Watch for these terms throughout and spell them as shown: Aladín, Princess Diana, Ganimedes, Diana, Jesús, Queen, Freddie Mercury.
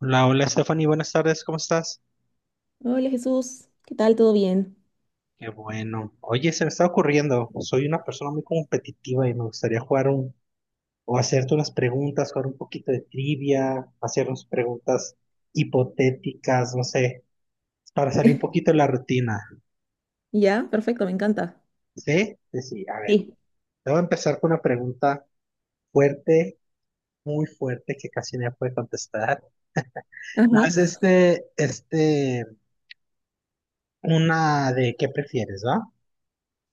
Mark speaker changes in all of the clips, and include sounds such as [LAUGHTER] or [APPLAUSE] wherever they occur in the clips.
Speaker 1: Hola, hola Stephanie, buenas tardes, ¿cómo estás?
Speaker 2: Hola Jesús, ¿qué tal? ¿Todo bien?
Speaker 1: Qué bueno. Oye, se me está ocurriendo, soy una persona muy competitiva y me gustaría jugar un, o hacerte unas preguntas, jugar un poquito de trivia, hacernos preguntas hipotéticas, no sé, para salir un
Speaker 2: [LAUGHS]
Speaker 1: poquito de la rutina.
Speaker 2: Ya, perfecto, me encanta.
Speaker 1: ¿Sí? Sí, sí, a ver,
Speaker 2: Sí.
Speaker 1: te voy a empezar con una pregunta fuerte, muy fuerte, que casi nadie puede contestar. No,
Speaker 2: Ajá.
Speaker 1: es una de ¿qué prefieres, va?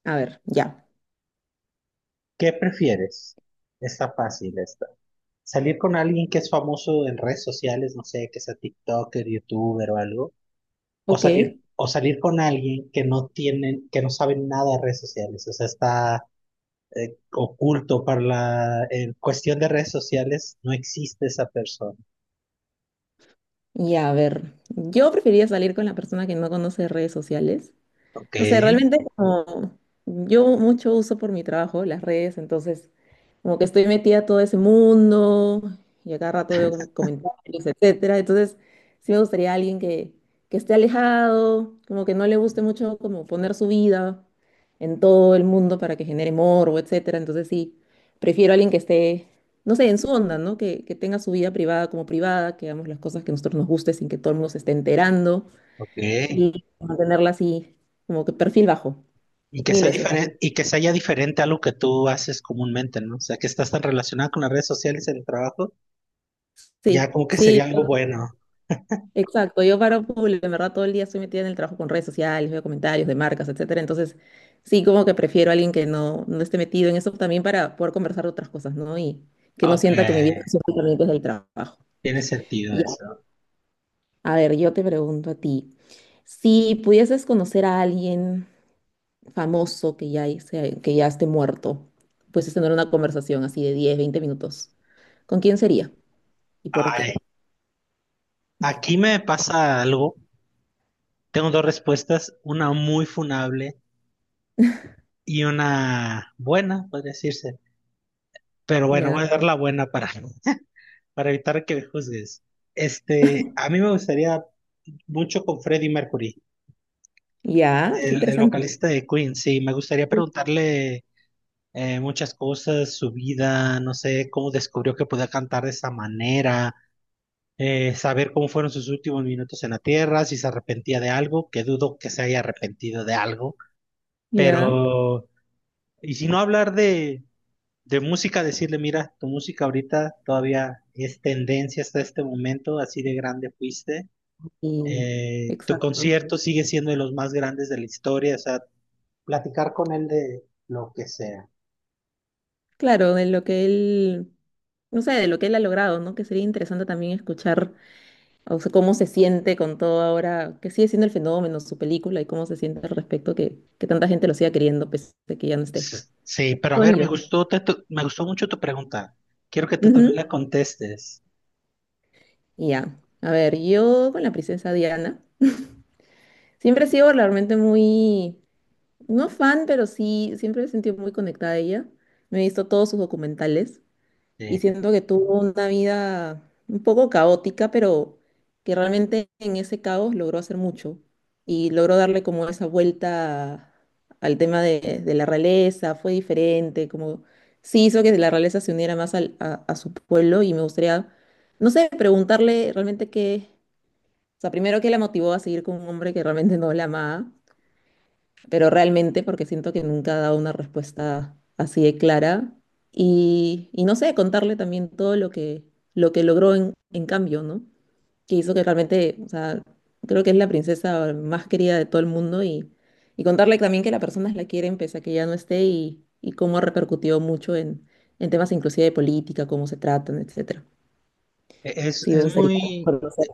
Speaker 2: A ver, ya.
Speaker 1: ¿Qué prefieres? Está fácil esta. Salir con alguien que es famoso en redes sociales, no sé, que sea TikToker, YouTuber o algo,
Speaker 2: Ok.
Speaker 1: o salir con alguien que no tienen, que no saben nada de redes sociales, o sea, está oculto para la en cuestión de redes sociales, no existe esa persona.
Speaker 2: Ya, a ver. Yo preferiría salir con la persona que no conoce redes sociales.
Speaker 1: Ok,
Speaker 2: No sé, realmente como yo mucho uso por mi trabajo las redes, entonces como que estoy metida a todo ese mundo y a cada rato veo como comentarios, etcétera. Entonces sí me gustaría alguien que esté alejado, como que no le guste mucho como poner su vida en todo el mundo para que genere morbo, etcétera. Entonces sí, prefiero a alguien que esté, no sé, en su onda, ¿no? Que tenga su vida privada como privada, que hagamos las cosas que a nosotros nos guste sin que todo el mundo se esté enterando
Speaker 1: ok.
Speaker 2: y mantenerla así, como que perfil bajo,
Speaker 1: Y que
Speaker 2: mil
Speaker 1: sea
Speaker 2: veces.
Speaker 1: diferente, y que sea ya diferente a lo que tú haces comúnmente, ¿no? O sea, que estás tan relacionado con las redes sociales en el trabajo, ya
Speaker 2: Sí,
Speaker 1: como que
Speaker 2: sí,
Speaker 1: sería algo bueno.
Speaker 2: exacto. Yo paro público, en verdad todo el día estoy metida en el trabajo con redes sociales, veo comentarios de marcas, etcétera. Entonces, sí, como que prefiero a alguien que no esté metido en eso también para poder conversar de otras cosas, ¿no? Y que no
Speaker 1: Ok,
Speaker 2: sienta que mi vida es únicamente es el trabajo.
Speaker 1: tiene sentido
Speaker 2: Ya.
Speaker 1: eso.
Speaker 2: A ver, yo te pregunto a ti, si pudieses conocer a alguien famoso que ya esté muerto, pues es tener una conversación así de 10 20 minutos. ¿Con quién sería y por
Speaker 1: Ay.
Speaker 2: qué?
Speaker 1: Aquí me pasa algo. Tengo dos respuestas, una muy funable y una buena, podría decirse. Pero bueno,
Speaker 2: Ya,
Speaker 1: voy a dar la buena para, [LAUGHS] para evitar que me juzgues. Este, a mí me gustaría mucho con Freddie Mercury,
Speaker 2: ya, qué
Speaker 1: el
Speaker 2: interesante.
Speaker 1: vocalista de Queen. Sí, me gustaría preguntarle muchas cosas, su vida, no sé, cómo descubrió que podía cantar de esa manera, saber cómo fueron sus últimos minutos en la tierra, si se arrepentía de algo, que dudo que se haya arrepentido de algo.
Speaker 2: Ya,
Speaker 1: Pero, y si no hablar de música, decirle, mira, tu música ahorita todavía es tendencia hasta este momento, así de grande fuiste.
Speaker 2: y
Speaker 1: Tu
Speaker 2: exacto.
Speaker 1: concierto sigue siendo de los más grandes de la historia, o sea, platicar con él de lo que sea.
Speaker 2: Claro, de lo que él, no sé, de lo que él ha logrado, ¿no? Que sería interesante también escuchar, o sea, cómo se siente con todo ahora, que sigue siendo el fenómeno, su película y cómo se siente al respecto, que tanta gente lo siga queriendo, pese a que ya no esté.
Speaker 1: Sí, pero a ver, me
Speaker 2: Bonito.
Speaker 1: gustó, me gustó mucho tu pregunta. Quiero que tú también
Speaker 2: Ujú,
Speaker 1: la contestes.
Speaker 2: y ya, a ver, yo con la princesa Diana, siempre he sido realmente muy, no fan, pero sí, siempre me he sentido muy conectada a ella. Me he visto todos sus documentales.
Speaker 1: Sí.
Speaker 2: Y siento que tuvo una vida un poco caótica, pero que realmente en ese caos logró hacer mucho y logró darle como esa vuelta al tema de la realeza, fue diferente, como sí hizo que la realeza se uniera más al- a su pueblo y me gustaría, no sé, preguntarle realmente qué, o sea, primero qué la motivó a seguir con un hombre que realmente no la amaba, pero realmente porque siento que nunca ha dado una respuesta así de clara y no sé, contarle también todo lo que logró en cambio, ¿no? Que hizo que realmente, o sea, creo que es la princesa más querida de todo el mundo y contarle también que las personas la quieren pese a que ya no esté y cómo ha repercutido mucho en temas inclusive de política, cómo se tratan, etcétera. Sí, me
Speaker 1: Es
Speaker 2: gustaría
Speaker 1: muy,
Speaker 2: conocer.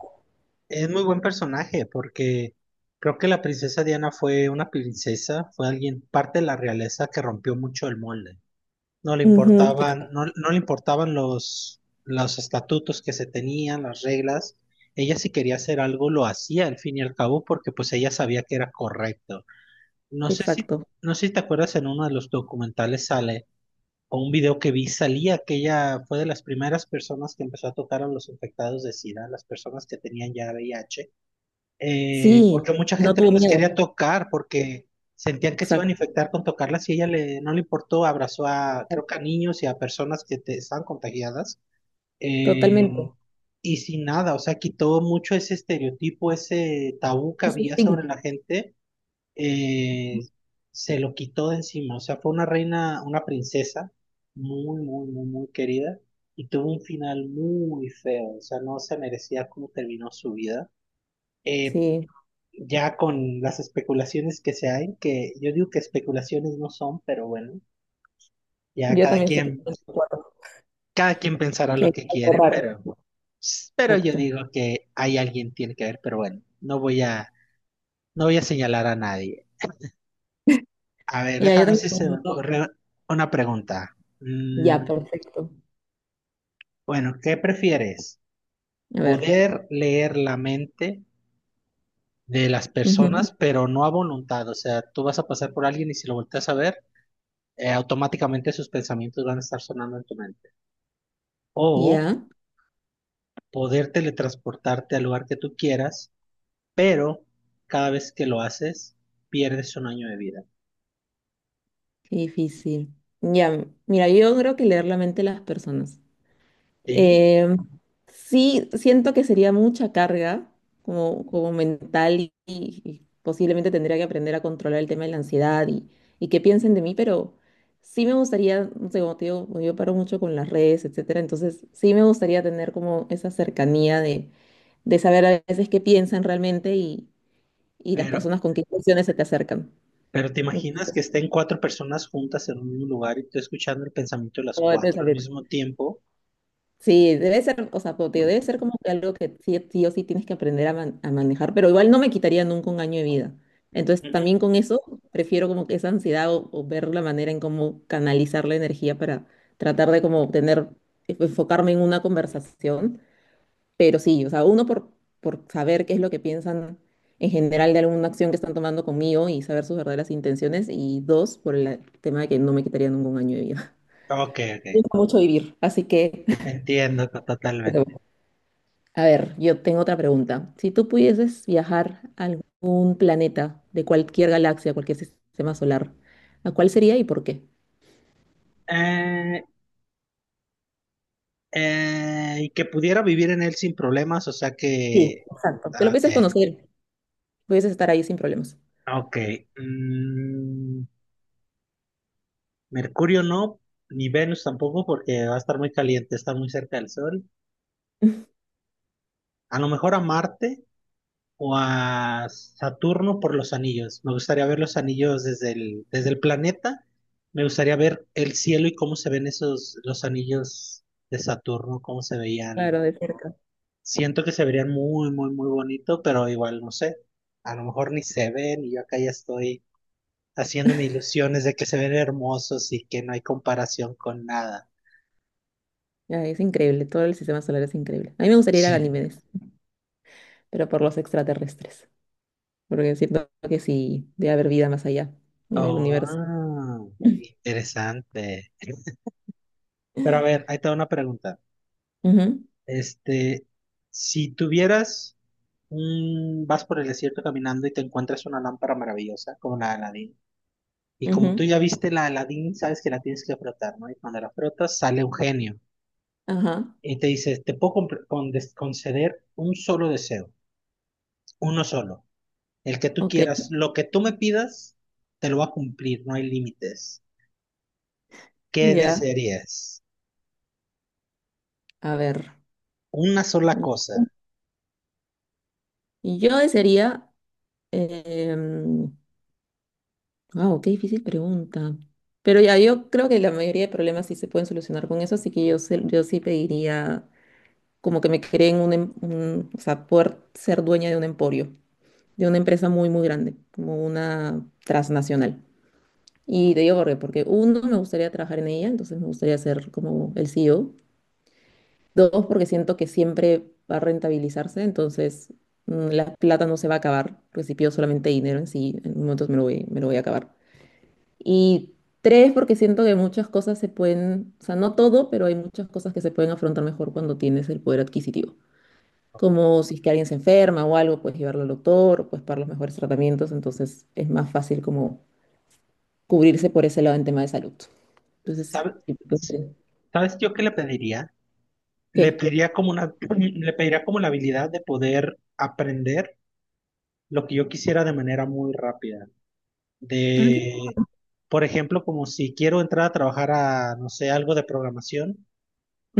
Speaker 1: es muy buen personaje porque creo que la princesa Diana fue una princesa, fue alguien, parte de la realeza que rompió mucho el molde. No le
Speaker 2: Ujú,
Speaker 1: importaban, no,
Speaker 2: exacto,
Speaker 1: no le importaban los estatutos que se tenían, las reglas. Ella si quería hacer algo lo hacía al fin y al cabo porque pues ella sabía que era correcto. No sé si,
Speaker 2: exacto.
Speaker 1: no sé si te acuerdas en uno de los documentales sale o un video que vi salía que ella fue de las primeras personas que empezó a tocar a los infectados de SIDA, las personas que tenían ya VIH.
Speaker 2: Sí,
Speaker 1: Porque mucha
Speaker 2: no
Speaker 1: gente no
Speaker 2: tuvo
Speaker 1: les
Speaker 2: miedo,
Speaker 1: quería tocar porque sentían que se iban a
Speaker 2: exacto,
Speaker 1: infectar con tocarlas y ella le, no le importó, abrazó a, creo que a niños y a personas que estaban contagiadas.
Speaker 2: totalmente.
Speaker 1: eh, y sin nada, o sea, quitó mucho ese estereotipo, ese tabú que
Speaker 2: Ese
Speaker 1: había
Speaker 2: estigma.
Speaker 1: sobre la gente, eh, se lo quitó de encima, o sea, fue una reina, una princesa muy, muy, muy, muy querida. Y tuvo un final muy feo, o sea, no se merecía cómo terminó su vida. Eh,
Speaker 2: Sí,
Speaker 1: ya con las especulaciones que se hay, que yo digo que especulaciones no son, pero bueno, ya
Speaker 2: yo también estoy creyendo en cuatro,
Speaker 1: cada quien pensará
Speaker 2: que
Speaker 1: lo
Speaker 2: hay
Speaker 1: que
Speaker 2: algo
Speaker 1: quiere,
Speaker 2: raro.
Speaker 1: pero yo
Speaker 2: Exacto.
Speaker 1: digo que hay alguien tiene que ver, pero bueno, no voy a señalar a nadie. A ver,
Speaker 2: Mira, yo
Speaker 1: déjame ver si
Speaker 2: también
Speaker 1: se
Speaker 2: tengo
Speaker 1: me
Speaker 2: uno.
Speaker 1: ocurre una pregunta.
Speaker 2: Ya,
Speaker 1: Mm,
Speaker 2: perfecto.
Speaker 1: bueno, ¿qué prefieres?
Speaker 2: A ver.
Speaker 1: ¿Poder leer la mente de las
Speaker 2: Ujú.
Speaker 1: personas, pero no a voluntad? O sea, tú vas a pasar por alguien y si lo volteas a ver, automáticamente sus pensamientos van a estar sonando en tu mente. O
Speaker 2: Ya,
Speaker 1: poder teletransportarte al lugar que tú quieras, pero cada vez que lo haces, pierdes un año de vida.
Speaker 2: qué difícil. Ya, mira, yo creo que leer la mente de las personas.
Speaker 1: Sí,
Speaker 2: Eh, sí, siento que sería mucha carga como, como mental y posiblemente tendría que aprender a controlar el tema de la ansiedad y qué piensen de mí, pero sí me gustaría, no sé, como te digo, como yo paro mucho con las redes, etcétera, entonces sí me gustaría tener como esa cercanía de saber a veces qué piensan realmente y las
Speaker 1: pero,
Speaker 2: personas con qué emociones se te acercan.
Speaker 1: pero te
Speaker 2: Un
Speaker 1: imaginas que estén cuatro personas juntas en un mismo lugar y tú escuchando el pensamiento de las
Speaker 2: poco de
Speaker 1: cuatro al
Speaker 2: pensamiento.
Speaker 1: mismo tiempo.
Speaker 2: Sí, debe ser, o sea, como te digo, debe ser como que algo que sí, sí o sí tienes que aprender a, man- a manejar, pero igual no me quitaría nunca un año de vida. Entonces,
Speaker 1: Ujú.
Speaker 2: también con eso, prefiero como que esa ansiedad o ver la manera en cómo canalizar la energía para tratar de como tener, e, enfocarme en una conversación. Pero sí, o sea, uno por saber qué es lo que piensan en general de alguna acción que están tomando conmigo y saber sus verdaderas intenciones. Y dos, por el tema de que no me quitaría nunca un año de vida.
Speaker 1: Ok,
Speaker 2: Me
Speaker 1: ok.
Speaker 2: gusta mucho vivir, así que...
Speaker 1: Entiendo totalmente.
Speaker 2: [LAUGHS] A ver, yo tengo otra pregunta. Si tú pudieses viajar a algún planeta de cualquier galaxia, cualquier sistema solar, ¿a cuál sería y por qué?
Speaker 1: Eh, y que pudiera vivir en él sin problemas, o sea que...
Speaker 2: Aunque lo
Speaker 1: Ok,
Speaker 2: pudieses conocer, pudieses estar ahí sin problemas.
Speaker 1: ok. Mm, Mercurio no, ni Venus tampoco, porque va a estar muy caliente, está muy cerca del Sol. A lo mejor a Marte o a Saturno por los anillos. Me gustaría ver los anillos desde desde el planeta. Me gustaría ver el cielo y cómo se ven esos, los anillos de Saturno, cómo se veían.
Speaker 2: Claro, de cerca.
Speaker 1: Siento que se verían muy, muy, muy bonito, pero igual no sé. A lo mejor ni se ven y yo acá ya estoy haciéndome ilusiones de que se ven hermosos y que no hay comparación con nada.
Speaker 2: Ay, es increíble, todo el sistema solar es increíble. A mí me gustaría ir a
Speaker 1: Sí.
Speaker 2: Ganímedes, pero por los extraterrestres, porque siento que sí debe haber vida más allá, en el universo.
Speaker 1: Oh,
Speaker 2: [LAUGHS]
Speaker 1: interesante. Pero a ver, ahí te va una pregunta.
Speaker 2: Ujú,
Speaker 1: Este, si tuvieras un, vas por el desierto caminando y te encuentras una lámpara maravillosa, como la de Aladín, y como tú
Speaker 2: ujú,
Speaker 1: ya viste la de Aladín, sabes que la tienes que frotar, ¿no? Y cuando la frotas, sale un genio
Speaker 2: ajá,
Speaker 1: y te dice, te puedo conceder un solo deseo, uno solo, el que tú
Speaker 2: ok,
Speaker 1: quieras, lo que tú me pidas, te lo va a cumplir, no hay límites. ¿Qué
Speaker 2: ya,
Speaker 1: desearías?
Speaker 2: a ver.
Speaker 1: Una sola cosa.
Speaker 2: Yo desearía, em, wow, qué difícil pregunta. Pero ya, yo creo que la mayoría de problemas sí se pueden solucionar con eso, así que yo, se- yo sí pediría como que me creen o sea, poder ser dueña de un emporio, de una empresa muy, muy grande, como una transnacional. Y te digo por qué, porque uno, me gustaría trabajar en ella, entonces me gustaría ser como el CEO. Dos, porque siento que siempre va a rentabilizarse, entonces la plata no se va a acabar, porque si pido solamente dinero en sí, en momentos me lo voy a acabar. Y tres, porque siento que muchas cosas se pueden, o sea, no todo, pero hay muchas cosas que se pueden afrontar mejor cuando tienes el poder adquisitivo. Como si es que alguien se enferma o algo, puedes llevarlo al doctor, puedes pagar los mejores tratamientos, entonces es más fácil como cubrirse por ese lado en tema de salud. Entonces,
Speaker 1: ¿Sabe-
Speaker 2: sí, pues,
Speaker 1: ¿Sabes yo qué le pediría? Le
Speaker 2: ¿qué?
Speaker 1: pediría como una, [CLEARS THROAT] le pediría como la habilidad de poder aprender lo que yo quisiera de manera muy rápida.
Speaker 2: Ah, ¿qué?
Speaker 1: De, por ejemplo, como si quiero entrar a trabajar a, no sé, algo de programación,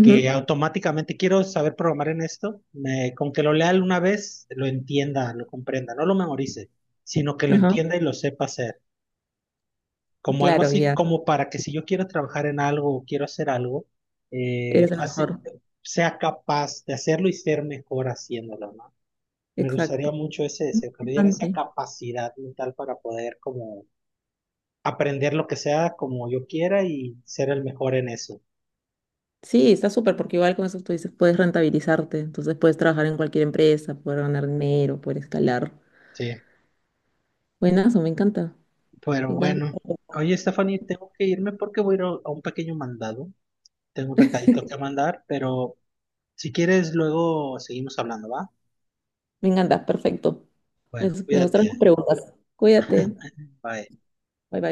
Speaker 1: que automáticamente quiero saber programar en esto, con que lo lea una vez, lo entienda, lo comprenda, no lo memorice, sino que lo
Speaker 2: ajá,
Speaker 1: entienda y lo sepa hacer. Como algo
Speaker 2: claro,
Speaker 1: así,
Speaker 2: ya,
Speaker 1: como para que si yo quiero trabajar en algo o quiero hacer algo, eh,
Speaker 2: eres el
Speaker 1: fácil-
Speaker 2: mejor.
Speaker 1: sea capaz de hacerlo y ser mejor haciéndolo, ¿no? Me gustaría
Speaker 2: Exacto.
Speaker 1: mucho ese deseo, que me diera esa
Speaker 2: Importante.
Speaker 1: capacidad mental para poder como aprender lo que sea como yo quiera y ser el mejor en eso.
Speaker 2: Sí, está súper porque igual con eso tú dices, puedes rentabilizarte, entonces puedes trabajar en cualquier empresa, poder ganar dinero, poder escalar.
Speaker 1: Sí,
Speaker 2: Buenazo, me encanta,
Speaker 1: pero
Speaker 2: me encanta,
Speaker 1: bueno. Oye, Stephanie, tengo que irme porque voy a ir a un pequeño mandado. Tengo un recadito que mandar, pero si quieres, luego seguimos hablando, ¿va?
Speaker 2: me encanta, perfecto. Me,
Speaker 1: Bueno,
Speaker 2: me gustaron las
Speaker 1: cuídate.
Speaker 2: preguntas. Cuídate,
Speaker 1: Bye.
Speaker 2: bye bye.